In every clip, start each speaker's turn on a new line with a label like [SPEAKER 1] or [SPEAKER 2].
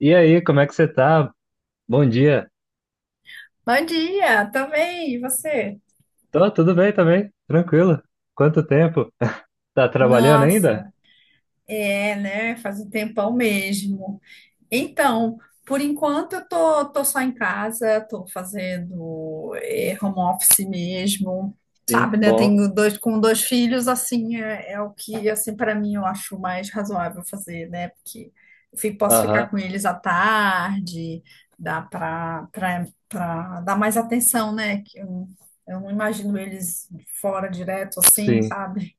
[SPEAKER 1] E aí, como é que você tá? Bom dia.
[SPEAKER 2] Bom dia, também, e você?
[SPEAKER 1] Tô, tudo bem também, tranquilo. Quanto tempo? Tá trabalhando ainda?
[SPEAKER 2] Nossa, é, né? Faz um tempão mesmo. Então, por enquanto eu tô só em casa, tô fazendo home office mesmo,
[SPEAKER 1] Sim,
[SPEAKER 2] sabe, né?
[SPEAKER 1] bom.
[SPEAKER 2] Tenho dois filhos, assim, é o que assim para mim eu acho mais razoável fazer, né? Porque posso ficar
[SPEAKER 1] Aham,
[SPEAKER 2] com eles à tarde, dá para dar mais atenção, né? Eu não imagino eles fora direto assim,
[SPEAKER 1] sim.
[SPEAKER 2] sabe?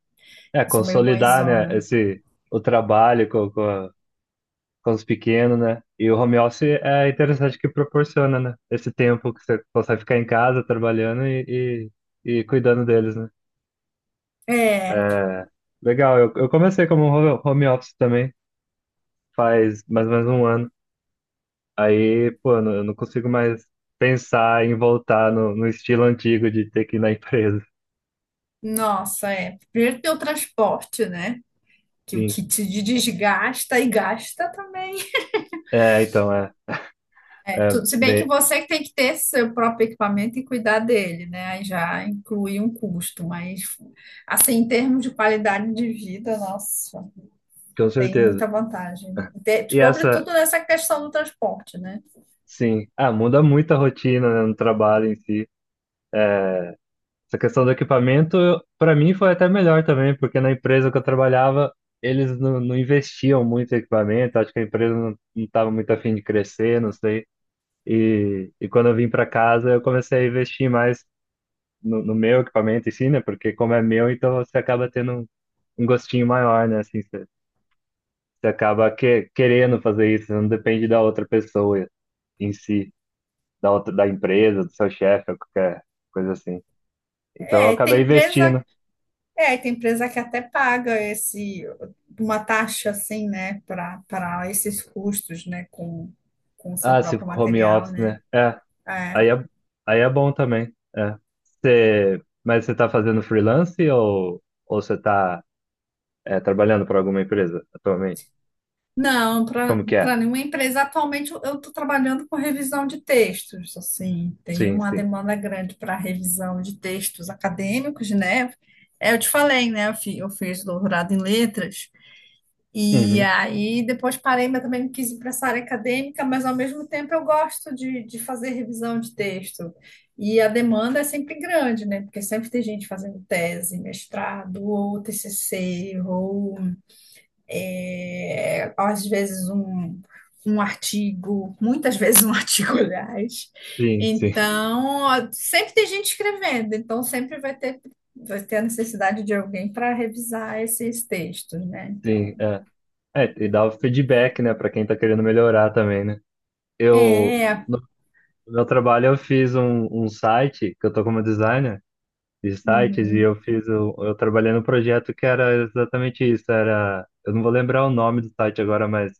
[SPEAKER 1] É,
[SPEAKER 2] Eu sou meio
[SPEAKER 1] consolidar, né,
[SPEAKER 2] mãezona.
[SPEAKER 1] o trabalho com com os pequenos, né? E o home office é interessante que proporciona, né? Esse tempo que você consegue ficar em casa trabalhando e cuidando deles, né?
[SPEAKER 2] É,
[SPEAKER 1] É, legal, eu comecei como home office também, faz mais ou menos um ano. Aí, pô, eu não consigo mais pensar em voltar no estilo antigo de ter que ir na empresa.
[SPEAKER 2] nossa, é. Primeiro tem o transporte, né?
[SPEAKER 1] Sim.
[SPEAKER 2] Que te desgasta e gasta também.
[SPEAKER 1] É, então, é.
[SPEAKER 2] É
[SPEAKER 1] É,
[SPEAKER 2] tudo, se bem que
[SPEAKER 1] bem,
[SPEAKER 2] você que tem que ter seu próprio equipamento e cuidar dele, né? Aí já inclui um custo, mas assim, em termos de qualidade de vida, nossa,
[SPEAKER 1] com
[SPEAKER 2] tem
[SPEAKER 1] certeza.
[SPEAKER 2] muita vantagem.
[SPEAKER 1] E essa,
[SPEAKER 2] Sobretudo nessa questão do transporte, né?
[SPEAKER 1] sim. Ah, muda muito a rotina, né, no trabalho em si. É, essa questão do equipamento, para mim, foi até melhor também, porque na empresa que eu trabalhava, eles não investiam muito em equipamento. Acho que a empresa não estava muito afim de crescer, não sei. E quando eu vim para casa, eu comecei a investir mais no meu equipamento em si, né? Porque como é meu, então você acaba tendo um gostinho maior, né? Assim, você acaba que, querendo fazer isso, né? Não depende da outra pessoa em si, da outra, da empresa, do seu chefe, ou qualquer coisa assim. Então eu
[SPEAKER 2] É,
[SPEAKER 1] acabei
[SPEAKER 2] tem empresa,
[SPEAKER 1] investindo.
[SPEAKER 2] é, tem empresa que até paga esse uma taxa assim, né, para esses custos, né, com o seu
[SPEAKER 1] Ah, se
[SPEAKER 2] próprio
[SPEAKER 1] ficou home
[SPEAKER 2] material,
[SPEAKER 1] office,
[SPEAKER 2] né?
[SPEAKER 1] né? É,
[SPEAKER 2] É.
[SPEAKER 1] aí é, aí é bom também. É. Mas você tá fazendo freelance ou você tá é, trabalhando para alguma empresa atualmente?
[SPEAKER 2] Não, para
[SPEAKER 1] Como que é?
[SPEAKER 2] nenhuma empresa. Atualmente eu estou trabalhando com revisão de textos, assim, tem
[SPEAKER 1] Sim,
[SPEAKER 2] uma
[SPEAKER 1] sim.
[SPEAKER 2] demanda grande para revisão de textos acadêmicos, né? É, eu te falei, né? Eu fiz doutorado em letras, e
[SPEAKER 1] Uhum.
[SPEAKER 2] aí depois parei, mas também não quis ir para essa área acadêmica, mas ao mesmo tempo eu gosto de fazer revisão de texto. E a demanda é sempre grande, né? Porque sempre tem gente fazendo tese, mestrado, ou TCC, ou é, às vezes um, um artigo, muitas vezes um artigo, aliás.
[SPEAKER 1] Sim, sim.
[SPEAKER 2] Então, ó, sempre tem gente escrevendo, então vai ter a necessidade de alguém para revisar esses textos, né?
[SPEAKER 1] Sim,
[SPEAKER 2] Então,
[SPEAKER 1] é. É, e dá o feedback, né, pra quem tá querendo melhorar também, né? Eu,
[SPEAKER 2] é.
[SPEAKER 1] no meu trabalho, eu fiz um site, que eu tô como designer de sites, e
[SPEAKER 2] Uhum,
[SPEAKER 1] eu eu trabalhei num projeto que era exatamente isso, era, eu não vou lembrar o nome do site agora, mas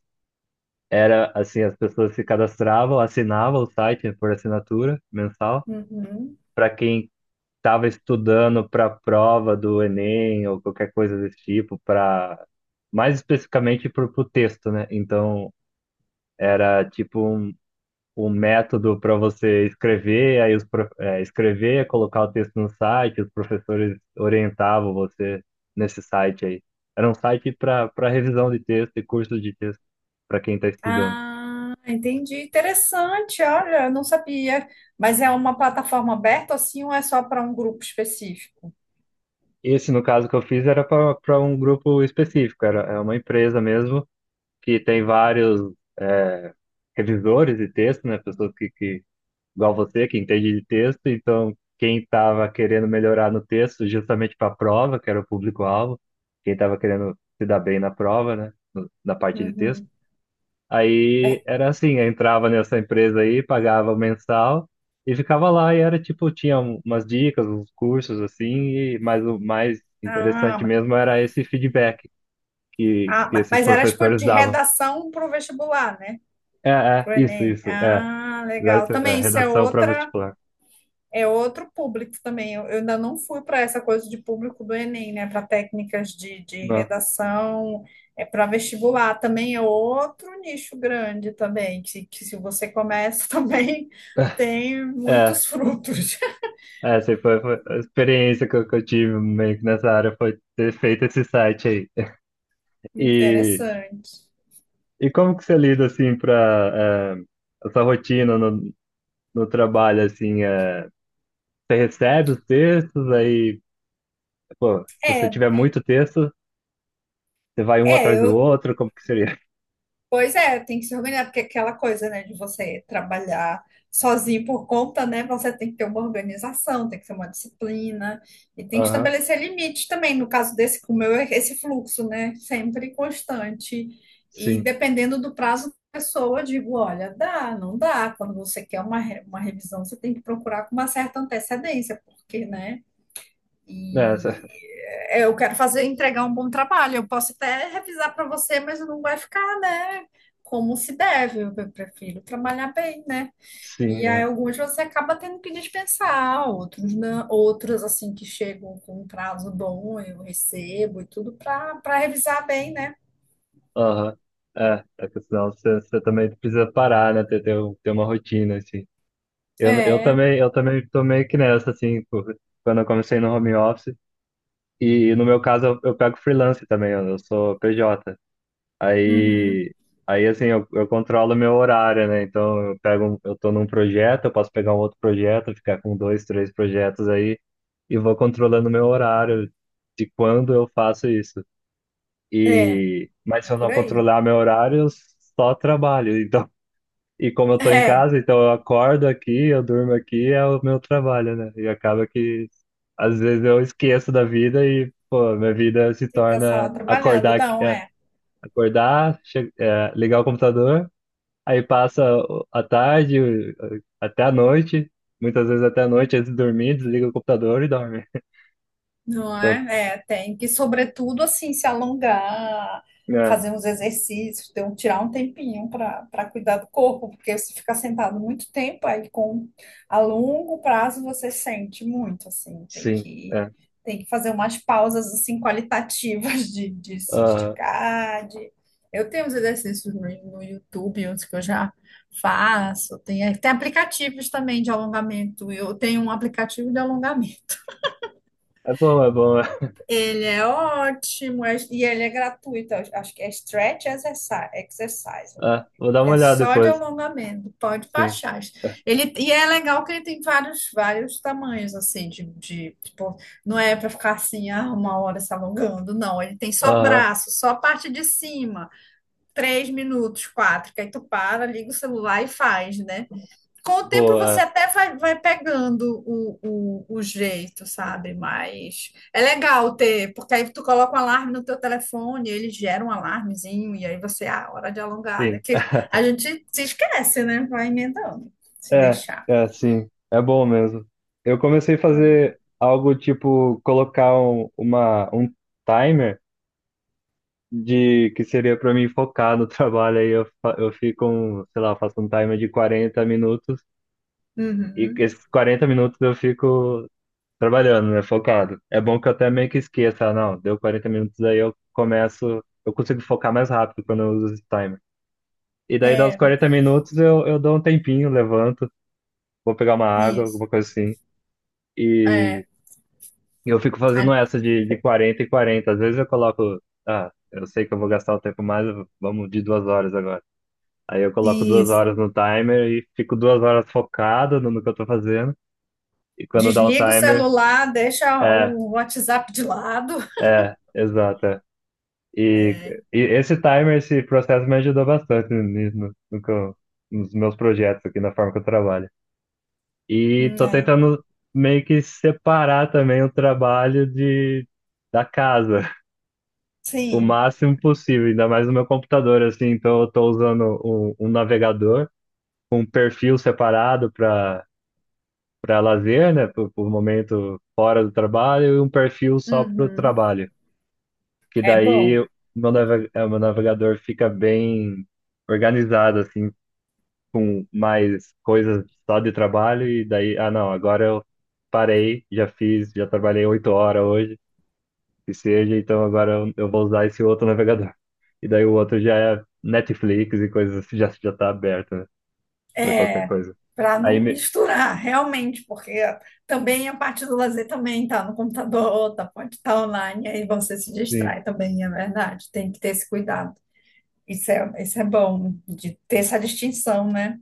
[SPEAKER 1] era, assim, as pessoas se cadastravam, assinavam o site por assinatura mensal,
[SPEAKER 2] uhum.
[SPEAKER 1] para quem estava estudando para a prova do Enem ou qualquer coisa desse tipo, para mais especificamente para o texto, né? Então era tipo um método para você escrever, aí escrever, colocar o texto no site, os professores orientavam você nesse site aí. Era um site para revisão de texto e curso de texto para quem está estudando.
[SPEAKER 2] Ah, entendi. Interessante, olha, eu não sabia. Mas é uma plataforma aberta assim ou é só para um grupo específico?
[SPEAKER 1] Esse, no caso que eu fiz, era para um grupo específico, era é uma empresa mesmo que tem vários é, revisores de texto, né? Pessoas que, igual você, que entende de texto, então quem estava querendo melhorar no texto justamente para a prova, que era o público-alvo, quem estava querendo se dar bem na prova, né? Na parte de texto.
[SPEAKER 2] Uhum.
[SPEAKER 1] Aí era assim, eu entrava nessa empresa aí, pagava o mensal e ficava lá e era tipo, tinha umas dicas, uns cursos assim, e, mas o mais interessante
[SPEAKER 2] Ah,
[SPEAKER 1] mesmo era esse feedback que esses
[SPEAKER 2] mas era tipo
[SPEAKER 1] professores
[SPEAKER 2] de
[SPEAKER 1] davam.
[SPEAKER 2] redação para o vestibular, né?
[SPEAKER 1] É, é,
[SPEAKER 2] Pro
[SPEAKER 1] isso,
[SPEAKER 2] Enem.
[SPEAKER 1] isso, é.
[SPEAKER 2] Ah, legal.
[SPEAKER 1] Exato, é,
[SPEAKER 2] Também isso é
[SPEAKER 1] redação para
[SPEAKER 2] outra.
[SPEAKER 1] vestibular.
[SPEAKER 2] É outro público também. Eu ainda não fui para essa coisa de público do Enem, né? Para técnicas de
[SPEAKER 1] Não.
[SPEAKER 2] redação, é para vestibular também é outro nicho grande também, que se você começa também tem
[SPEAKER 1] É,
[SPEAKER 2] muitos frutos.
[SPEAKER 1] é, assim, foi a experiência que que eu tive meio que nessa área foi ter feito esse site aí. E,
[SPEAKER 2] Interessante.
[SPEAKER 1] e como que você lida, assim, para essa rotina no trabalho, assim, é, você recebe os textos, aí, pô, se você
[SPEAKER 2] É,
[SPEAKER 1] tiver muito texto, você vai um
[SPEAKER 2] é,
[SPEAKER 1] atrás do
[SPEAKER 2] eu,
[SPEAKER 1] outro, como que seria?
[SPEAKER 2] Pois é, tem que se organizar, porque aquela coisa, né, de você trabalhar sozinho por conta, né, você tem que ter uma organização, tem que ter uma disciplina e tem que
[SPEAKER 1] Aham,
[SPEAKER 2] estabelecer limites também. No caso desse, como eu, esse fluxo, né, sempre constante e
[SPEAKER 1] sim.
[SPEAKER 2] dependendo do prazo da pessoa, eu digo, olha, dá, não dá. Quando você quer uma, uma revisão, você tem que procurar com uma certa antecedência, porque, né,
[SPEAKER 1] É, essa-
[SPEAKER 2] e é, eu quero fazer, entregar um bom trabalho. Eu posso até revisar para você, mas não vai ficar, né? Como se deve. Eu prefiro trabalhar bem, né?
[SPEAKER 1] sim,
[SPEAKER 2] E aí alguns você acaba tendo que dispensar, outros não, outros assim que chegam com um prazo bom, eu recebo e tudo para revisar bem, né?
[SPEAKER 1] aham. É, é que senão você também precisa parar, né? Ter uma rotina, assim.
[SPEAKER 2] É,
[SPEAKER 1] Eu também tô meio que nessa, assim, quando eu comecei no home office. E no meu caso, eu pego freelance também, eu sou PJ.
[SPEAKER 2] uhum,
[SPEAKER 1] Aí, aí assim, eu controlo meu horário, né? Então, eu eu tô num projeto, eu posso pegar um outro projeto, ficar com dois, três projetos aí, e vou controlando meu horário de quando eu faço isso.
[SPEAKER 2] é,
[SPEAKER 1] E, mas
[SPEAKER 2] é
[SPEAKER 1] se eu
[SPEAKER 2] por
[SPEAKER 1] não
[SPEAKER 2] aí.
[SPEAKER 1] controlar meu horário, eu só trabalho. Então, e como eu tô em
[SPEAKER 2] É,
[SPEAKER 1] casa, então eu acordo aqui, eu durmo aqui, é o meu trabalho, né? E acaba que às vezes eu esqueço da vida e, pô, minha vida se
[SPEAKER 2] fica só
[SPEAKER 1] torna
[SPEAKER 2] trabalhando, não é.
[SPEAKER 1] acordar, ligar o computador, aí passa a tarde, até a noite, muitas vezes até a noite, antes de dormir, desliga o computador e dorme.
[SPEAKER 2] Não é? É, tem que, sobretudo, assim, se alongar,
[SPEAKER 1] É,
[SPEAKER 2] fazer uns exercícios, ter um, tirar um tempinho para cuidar do corpo, porque se ficar sentado muito tempo, aí com a longo prazo você sente muito, assim, tem
[SPEAKER 1] sim,
[SPEAKER 2] que
[SPEAKER 1] é.
[SPEAKER 2] fazer umas pausas assim qualitativas de se
[SPEAKER 1] Ah,
[SPEAKER 2] esticar, de... Eu tenho uns exercícios no YouTube, uns que eu já faço, tem aplicativos também de alongamento. Eu tenho um aplicativo de alongamento.
[SPEAKER 1] é bom, é bom.
[SPEAKER 2] Ele é ótimo, e ele é gratuito. Eu Acho que é Stretch Exercise, exercise o
[SPEAKER 1] Ah,
[SPEAKER 2] nome.
[SPEAKER 1] vou dar uma
[SPEAKER 2] É
[SPEAKER 1] olhada
[SPEAKER 2] só de
[SPEAKER 1] depois.
[SPEAKER 2] alongamento, pode
[SPEAKER 1] Sim.
[SPEAKER 2] baixar.
[SPEAKER 1] É.
[SPEAKER 2] Ele, e é legal que ele tem vários tamanhos, assim, de tipo, não é para ficar assim, ah, uma hora se alongando, não. Ele tem só
[SPEAKER 1] Aham,
[SPEAKER 2] braço, só a parte de cima, três minutos, quatro, que aí tu para, liga o celular e faz, né? Com o tempo você
[SPEAKER 1] boa,
[SPEAKER 2] até vai pegando o jeito, sabe? Mas é legal ter, porque aí tu coloca um alarme no teu telefone, ele gera um alarmezinho, e aí você, ah, hora de alongar, né?
[SPEAKER 1] é. Sim.
[SPEAKER 2] Porque a gente se esquece, né? Vai emendando, se
[SPEAKER 1] É,
[SPEAKER 2] deixar.
[SPEAKER 1] é, sim. É bom mesmo. Eu comecei a fazer algo tipo colocar um timer de que seria para mim focar no trabalho. Aí eu, eu fico, um, sei lá, faço um timer de 40 minutos e
[SPEAKER 2] Uhum.
[SPEAKER 1] esses 40 minutos eu fico trabalhando, né, focado. É bom que eu até meio que esqueça, ah, não, deu 40 minutos aí eu começo, eu consigo focar mais rápido quando eu uso esse timer. E daí, dá uns
[SPEAKER 2] É,
[SPEAKER 1] 40 minutos, eu dou um tempinho, levanto, vou pegar uma água,
[SPEAKER 2] isso.
[SPEAKER 1] alguma coisa assim. E
[SPEAKER 2] É,
[SPEAKER 1] eu fico fazendo
[SPEAKER 2] a-
[SPEAKER 1] essa de 40 e quarenta. Às vezes eu coloco, ah, eu sei que eu vou gastar o tempo mais, vamos de duas horas agora. Aí eu coloco duas
[SPEAKER 2] isso.
[SPEAKER 1] horas no timer e fico duas horas focado no que eu tô fazendo. E quando dá o
[SPEAKER 2] Desliga o
[SPEAKER 1] timer,
[SPEAKER 2] celular, deixa
[SPEAKER 1] é,
[SPEAKER 2] o WhatsApp de lado.
[SPEAKER 1] é, exato, é. E, e esse timer, esse processo me ajudou bastante nisso, no, no que eu- nos meus projetos aqui, na forma que eu trabalho. E tô
[SPEAKER 2] Né?
[SPEAKER 1] tentando meio que separar também o trabalho de, da casa, o
[SPEAKER 2] Sim.
[SPEAKER 1] máximo possível, ainda mais no meu computador, assim. Então eu tô usando um navegador com um perfil separado para lazer, né, por momento fora do trabalho, e um perfil só para o
[SPEAKER 2] Uhum.
[SPEAKER 1] trabalho. Que
[SPEAKER 2] É
[SPEAKER 1] daí
[SPEAKER 2] bom.
[SPEAKER 1] o meu navegador fica bem organizado, assim, com mais coisas só de trabalho e daí, ah, não, agora eu parei, já fiz, já trabalhei oito horas hoje, que seja, então agora eu vou usar esse outro navegador. E daí o outro já é Netflix e coisas assim, já tá aberto, né, pra qualquer coisa.
[SPEAKER 2] Para
[SPEAKER 1] Aí,
[SPEAKER 2] não
[SPEAKER 1] me-
[SPEAKER 2] misturar, realmente, porque também a parte do lazer também tá no computador, tá, pode estar online, aí você se
[SPEAKER 1] sim,
[SPEAKER 2] distrai também, é verdade, tem que ter esse cuidado. Isso é bom, de ter essa distinção, né?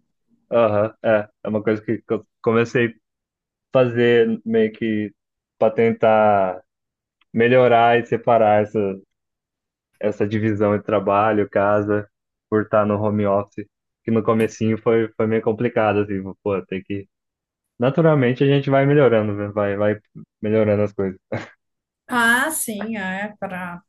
[SPEAKER 1] aham, é, é uma coisa que eu comecei a fazer meio que pra tentar melhorar e separar essa divisão entre trabalho, casa, por estar no home office, que no comecinho foi, foi meio complicado, assim, pô, tem que... Naturalmente a gente vai melhorando, né? Vai, vai melhorando as coisas.
[SPEAKER 2] Ah, sim, é para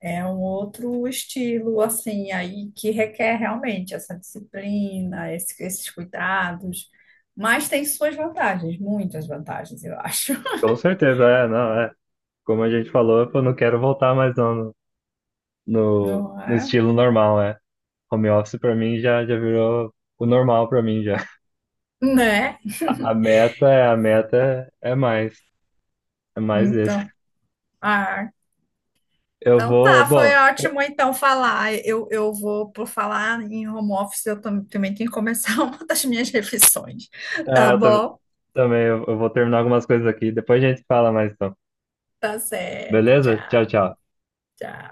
[SPEAKER 2] é um outro estilo, assim, aí que requer realmente essa disciplina, esses cuidados, mas tem suas vantagens, muitas vantagens, eu acho,
[SPEAKER 1] Com certeza, é, não, é. Como a gente falou, eu não quero voltar mais não
[SPEAKER 2] não
[SPEAKER 1] no
[SPEAKER 2] é?
[SPEAKER 1] estilo normal, é. Home office pra mim já virou o normal pra mim já.
[SPEAKER 2] Né?
[SPEAKER 1] A, meta é, a meta é mais esse.
[SPEAKER 2] Então, ah,
[SPEAKER 1] Eu
[SPEAKER 2] então
[SPEAKER 1] vou,
[SPEAKER 2] tá, foi
[SPEAKER 1] bom,
[SPEAKER 2] ótimo então falar. Eu vou, por falar em home office, eu também tenho que começar uma das minhas refeições. Tá
[SPEAKER 1] é, eu tam-
[SPEAKER 2] bom?
[SPEAKER 1] também eu vou terminar algumas coisas aqui, depois a gente fala mais então.
[SPEAKER 2] Tá certo,
[SPEAKER 1] Beleza? Tchau,
[SPEAKER 2] tchau.
[SPEAKER 1] tchau.